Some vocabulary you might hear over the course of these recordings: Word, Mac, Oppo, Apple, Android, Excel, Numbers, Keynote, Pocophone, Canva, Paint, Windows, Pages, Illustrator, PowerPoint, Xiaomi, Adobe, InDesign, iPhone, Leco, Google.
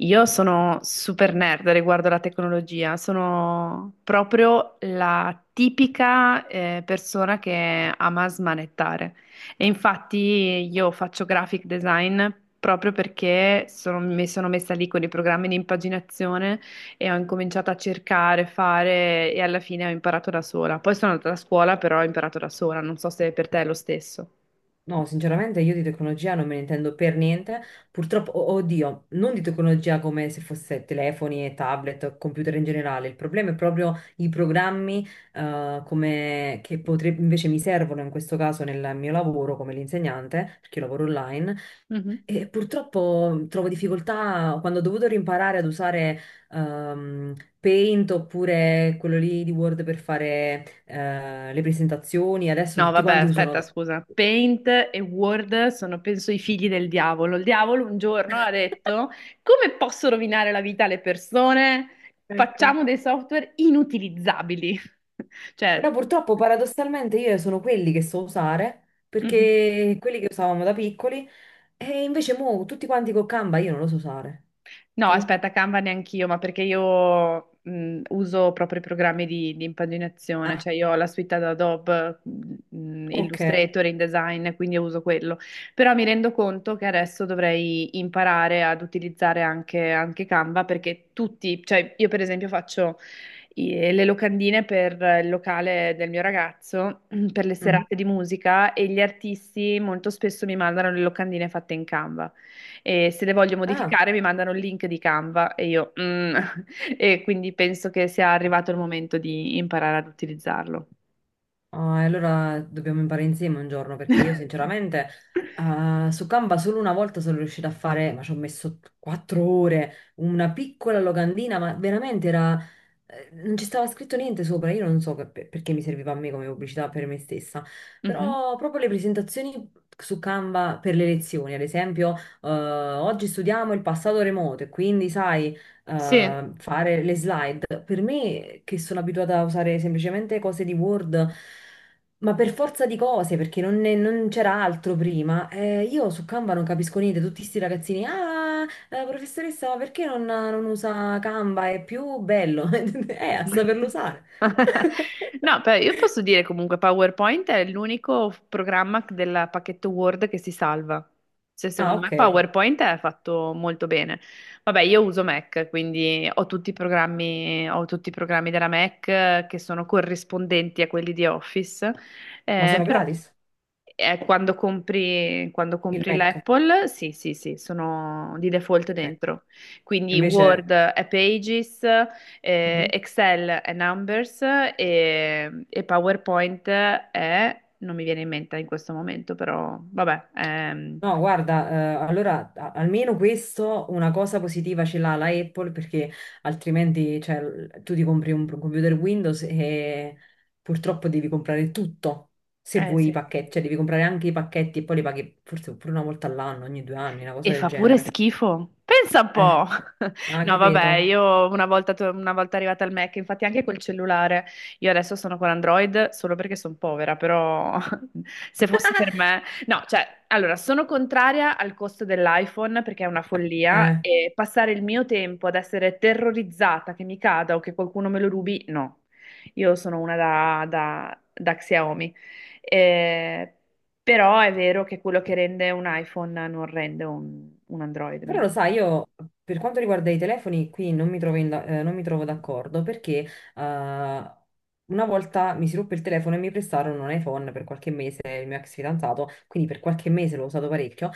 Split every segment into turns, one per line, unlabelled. Io sono super nerd riguardo alla tecnologia, sono proprio la tipica persona che ama smanettare. E infatti io faccio graphic design proprio perché mi sono messa lì con i programmi di impaginazione e ho incominciato a cercare, fare e alla fine ho imparato da sola. Poi sono andata a scuola, però ho imparato da sola, non so se per te è lo stesso.
No, sinceramente io di tecnologia non me ne intendo per niente. Purtroppo, oddio, non di tecnologia come se fosse telefoni e tablet, computer in generale. Il problema è proprio i programmi come, invece mi servono in questo caso nel mio lavoro come l'insegnante, perché io lavoro online. E purtroppo trovo difficoltà quando ho dovuto rimparare ad usare ehm, Paint oppure quello lì di Word per fare le presentazioni. Adesso
No,
tutti
vabbè,
quanti
aspetta,
usano.
scusa. Paint e Word sono, penso, i figli del diavolo. Il diavolo un giorno ha detto: Come posso rovinare la vita alle persone?
Ecco.
Facciamo dei software inutilizzabili.
Però
Cioè,
purtroppo paradossalmente io sono quelli che so usare,
mhm.
perché quelli che usavamo da piccoli, e invece mo tutti quanti con Canva io non lo so usare.
No,
Tu?
aspetta, Canva neanch'io, ma perché io uso proprio i programmi di impaginazione,
Ah,
cioè io ho la suite ad Adobe,
ok.
Illustrator, InDesign, quindi io uso quello. Però mi rendo conto che adesso dovrei imparare ad utilizzare anche Canva perché tutti, cioè io per esempio faccio le locandine per il locale del mio ragazzo, per le
Mhm.
serate di musica e gli artisti molto spesso mi mandano le locandine fatte in Canva e se le voglio
Ah,
modificare mi mandano il link di Canva e io. E quindi penso che sia arrivato il momento di imparare ad utilizzarlo.
ah, e allora dobbiamo imparare insieme un giorno, perché io sinceramente ah, su Canva solo una volta sono riuscita a fare, ma ci ho messo 4 ore, una piccola locandina, ma veramente era. Non ci stava scritto niente sopra, io non so perché mi serviva a me come pubblicità per me stessa,
Mhm.
però proprio le presentazioni su Canva per le lezioni, ad esempio, oggi studiamo il passato remoto e quindi sai,
Sì.
fare le slide, per me che sono abituata a usare semplicemente cose di Word, ma per forza di cose, perché non c'era altro prima, io su Canva non capisco niente, tutti sti ragazzini, ah! Professoressa, ma perché non usa Canva? È più bello. A saperlo usare.
No, però io posso dire comunque PowerPoint è l'unico programma del pacchetto Word che si salva. Cioè,
Ah,
secondo me
ok.
PowerPoint è fatto molto bene. Vabbè, io uso Mac, quindi ho tutti i programmi, della Mac che sono corrispondenti a quelli di Office,
Ma
eh,
sono
però
gratis
eh, quando compri, quando
il
compri
Mac.
l'Apple, sì, sì, sì, sono di default
Ecco.
dentro. Quindi Word
Invece,
è Pages,
mhm,
Excel è Numbers e PowerPoint è, non mi viene in mente in questo momento, però vabbè.
no, guarda, allora almeno questo una cosa positiva ce l'ha la Apple perché altrimenti cioè, tu ti compri un computer Windows e purtroppo devi comprare tutto. Se
Eh,
vuoi i
sì.
pacchetti, cioè devi comprare anche i pacchetti e poi li paghi forse pure una volta all'anno, ogni 2 anni, una cosa
E
del
fa pure
genere.
schifo. Pensa un
Eh.
po'.
Ah,
No, vabbè,
capito.
io una volta, una volta arrivata al Mac, infatti anche col cellulare, io adesso sono con Android solo perché sono povera, però se fosse per me... No, cioè, allora, sono contraria al costo dell'iPhone perché è una follia
Eh,
e passare il mio tempo ad essere terrorizzata che mi cada o che qualcuno me lo rubi, no. Io sono una da Xiaomi. Eh, Però è vero che quello che rende un iPhone non rende un Android, mi
però lo sai, io per quanto riguarda i telefoni qui non mi trovo, in da- non mi trovo d'accordo perché eh, una volta mi si ruppe il telefono e mi prestarono un iPhone per qualche mese, il mio ex fidanzato, quindi per qualche mese l'ho usato parecchio.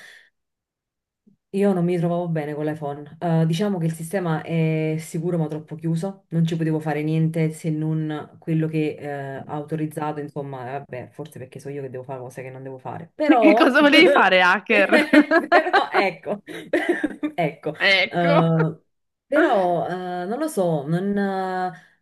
Io non mi trovavo bene con l'iPhone. Diciamo che il sistema è sicuro ma troppo chiuso, non ci potevo fare niente se non quello che ha autorizzato, insomma, vabbè, forse perché so io che devo fare cose che non devo fare.
Che
Però,
cosa volevi fare, hacker?
però ecco, ecco,
Ecco.
eh, però non lo so, non,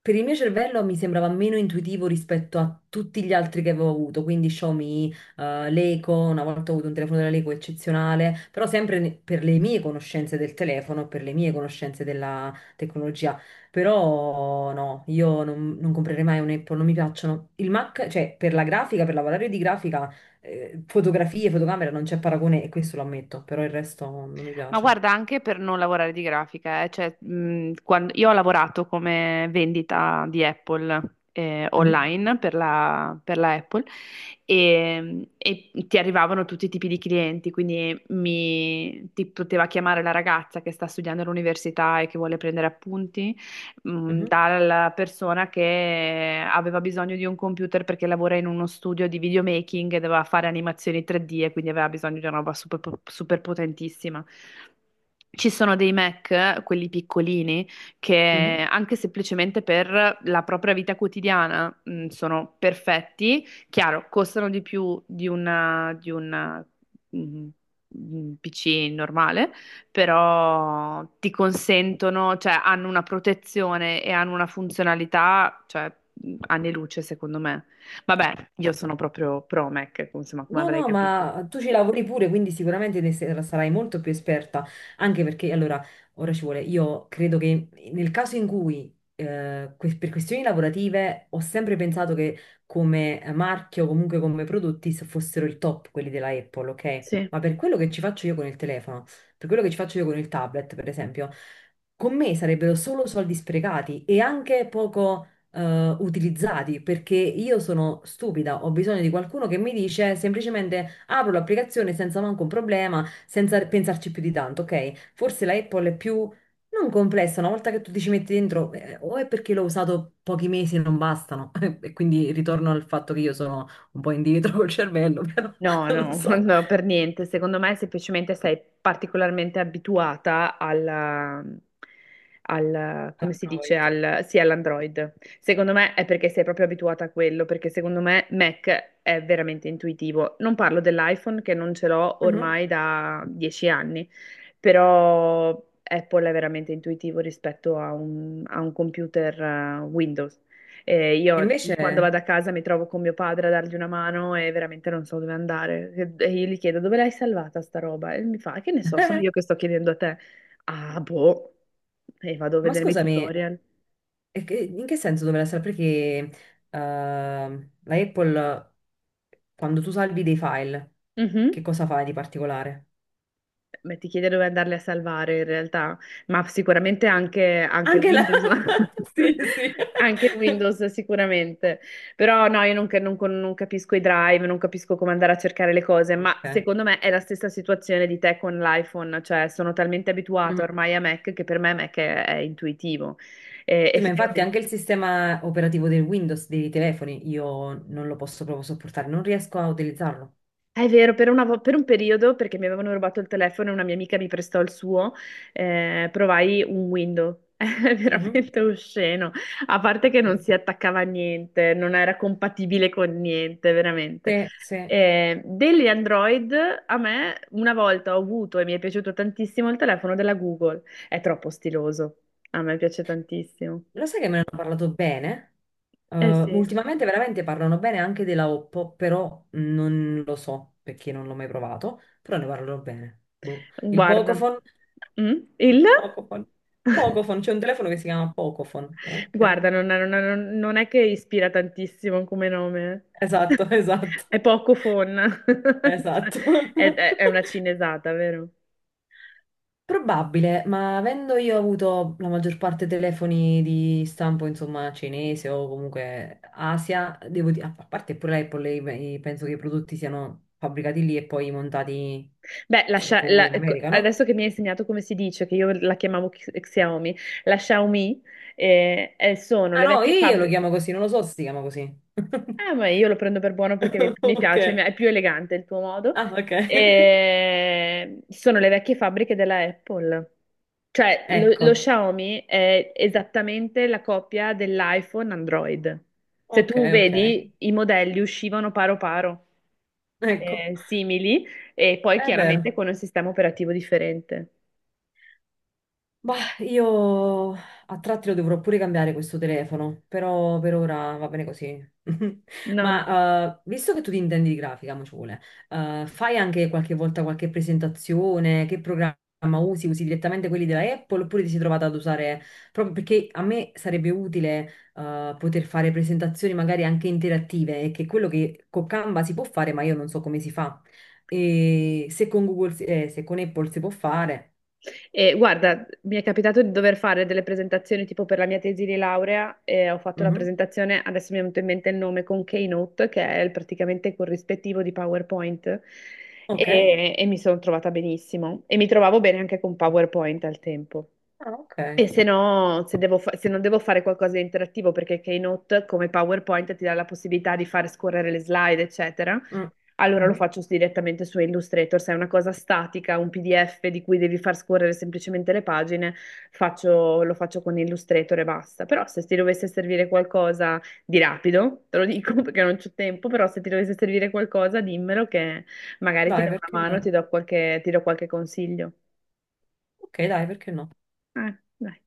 per il mio cervello mi sembrava meno intuitivo rispetto a tutti gli altri che avevo avuto, quindi Xiaomi, l'eco, una volta ho avuto un telefono della Leco eccezionale, però sempre per le mie conoscenze del telefono, per le mie conoscenze della tecnologia. Però no, io non comprerei mai un Apple, non mi piacciono. Il Mac, cioè per la grafica, per lavorare di grafica, fotografie, fotocamera, non c'è paragone e questo lo ammetto, però il resto non mi
Ma
piace.
guarda, anche per non lavorare di grafica, cioè, io ho lavorato come vendita di Apple
Mhm,
online per la Apple e ti arrivavano tutti i tipi di clienti, quindi ti poteva chiamare la ragazza che sta studiando all'università e che vuole prendere appunti
mhm,
dalla persona che aveva bisogno di un computer perché lavora in uno studio di videomaking e doveva fare animazioni 3D e quindi aveva bisogno di una roba super, super potentissima. Ci sono dei Mac, quelli piccolini,
mhm.
che anche semplicemente per la propria vita quotidiana, sono perfetti. Chiaro, costano di più mh, un PC normale, però ti consentono, cioè hanno una protezione e hanno una funzionalità, cioè anni luce secondo me. Vabbè, io sono proprio pro Mac, insomma, come
No,
avrai
no,
capito.
ma tu ci lavori pure, quindi sicuramente sarai molto più esperta, anche perché allora, ora ci vuole, io credo che nel caso in cui, per questioni lavorative, ho sempre pensato che come marchio, comunque come prodotti, fossero il top quelli della Apple, ok?
Sì.
Ma per quello che ci faccio io con il telefono, per quello che ci faccio io con il tablet, per esempio, con me sarebbero solo soldi sprecati e anche poco utilizzati perché io sono stupida, ho bisogno di qualcuno che mi dice semplicemente apro l'applicazione senza manco un problema, senza pensarci più di tanto, ok? Forse la Apple è più non complessa, una volta che tu ti ci metti dentro, o è perché l'ho usato pochi mesi e non bastano, e quindi ritorno al fatto che io sono un po' indietro col cervello, però
No,
non lo
no,
so.
no, per niente. Secondo me semplicemente sei particolarmente abituata come si dice,
Android.
sì, all'Android. Secondo me è perché sei proprio abituata a quello, perché secondo me Mac è veramente intuitivo. Non parlo dell'iPhone che non ce l'ho
Mhm.
ormai da 10 anni, però Apple è veramente intuitivo rispetto a un computer Windows.
E
Io
invece,
quando vado a casa mi trovo con mio padre a dargli una mano e veramente non so dove andare. E io gli chiedo dove l'hai salvata sta roba? E mi fa, che ne so, sono io che sto chiedendo a te. Ah, boh. E vado a
ma
vedere i
scusami,
tutorial.
In che senso dovrà essere? Perché la Apple, quando tu salvi dei file, che
Mhm.
cosa fai di particolare?
Beh, ti chiede dove andarle a salvare in realtà, ma sicuramente anche
Anche la.
Windows,
Sì, sì.
anche Windows sicuramente, però no, io non, ca- non con- non capisco i drive, non capisco come andare a cercare le cose, ma
Ok.
secondo me è la stessa situazione di te con l'iPhone, cioè sono talmente
Mm.
abituato ormai a Mac che per me Mac è intuitivo. E
Sì, ma infatti
effettivamente
anche il sistema operativo del Windows dei telefoni io non lo posso proprio sopportare, non riesco a utilizzarlo.
È vero, per per un periodo, perché mi avevano rubato il telefono e una mia amica mi prestò il suo, provai un window. È
Mhm.
veramente osceno. A parte che non si attaccava a niente, non era compatibile con niente, veramente.
Sì, sì.
Degli Android, a me una volta ho avuto e mi è piaciuto tantissimo il telefono della Google. È troppo stiloso. A me piace tantissimo.
Lo sai che me ne hanno parlato bene? Eh,
Eh sì,
ultimamente veramente parlano bene anche della Oppo, però non lo so perché non l'ho mai provato, però ne parlano bene. Boh. Il
guarda.
Pocophone,
Mm? Il?
Pocophone, Pocophone, c'è un telefono che si chiama Pocophone, ok?
Guarda, non è che ispira tantissimo come nome.
Esatto, esatto,
È poco fonna. Cioè,
esatto.
È una cinesata, vero?
Probabile, ma avendo io avuto la maggior parte telefoni di stampo, insomma, cinese o comunque Asia, devo dire, a parte pure l'Apple, penso che i prodotti siano fabbricati lì e poi montati,
Beh,
suppongo, in
ecco,
America, no?
adesso che mi hai insegnato come si dice, che io la chiamavo Xiaomi, la Xiaomi sono
Ah
le
no,
vecchie
io lo
fabbriche.
chiamo così, non lo so se si chiama così.
Ah, ma io lo prendo per buono perché mi
Ok,
piace, è più elegante il tuo modo.
ah ok,
E sono le vecchie fabbriche della Apple. Cioè, lo
ecco,
Xiaomi è esattamente la copia dell'iPhone Android. Se
ok,
tu
ok,
vedi, i modelli uscivano paro paro,
ecco,
simili, e poi
è vero.
chiaramente con un sistema operativo differente.
Bah, io a tratti lo dovrò pure cambiare questo telefono, però per ora va bene così.
No. No.
Ma visto che tu ti intendi di grafica, mo ci vuole, fai anche qualche volta qualche presentazione? Che programma usi? Usi direttamente quelli della Apple oppure ti sei trovata ad usare. Proprio perché a me sarebbe utile poter fare presentazioni magari anche interattive, e che è quello che con Canva si può fare, ma io non so come si fa. E se con Google, se con Apple si può fare.
E guarda, mi è capitato di dover fare delle presentazioni tipo per la mia tesi di laurea e ho fatto la
Mhm.
presentazione, adesso mi è venuto in mente il nome, con Keynote, che è praticamente il corrispettivo di PowerPoint
Ok.
e mi sono trovata benissimo e mi trovavo bene anche con PowerPoint al tempo.
Ah, ok.
E se no, se non devo fare qualcosa di interattivo, perché Keynote come PowerPoint ti dà la possibilità di fare scorrere le slide, eccetera,
Mm.
allora lo
Mhm.
faccio direttamente su Illustrator, se è una cosa statica, un PDF di cui devi far scorrere semplicemente le pagine, lo faccio con Illustrator e basta. Però se ti dovesse servire qualcosa di rapido, te lo dico perché non c'ho tempo, però se ti dovesse servire qualcosa dimmelo che magari ti
Dai,
do
perché
una mano,
no?
ti do qualche consiglio.
Ok, dai, perché no?
Dai.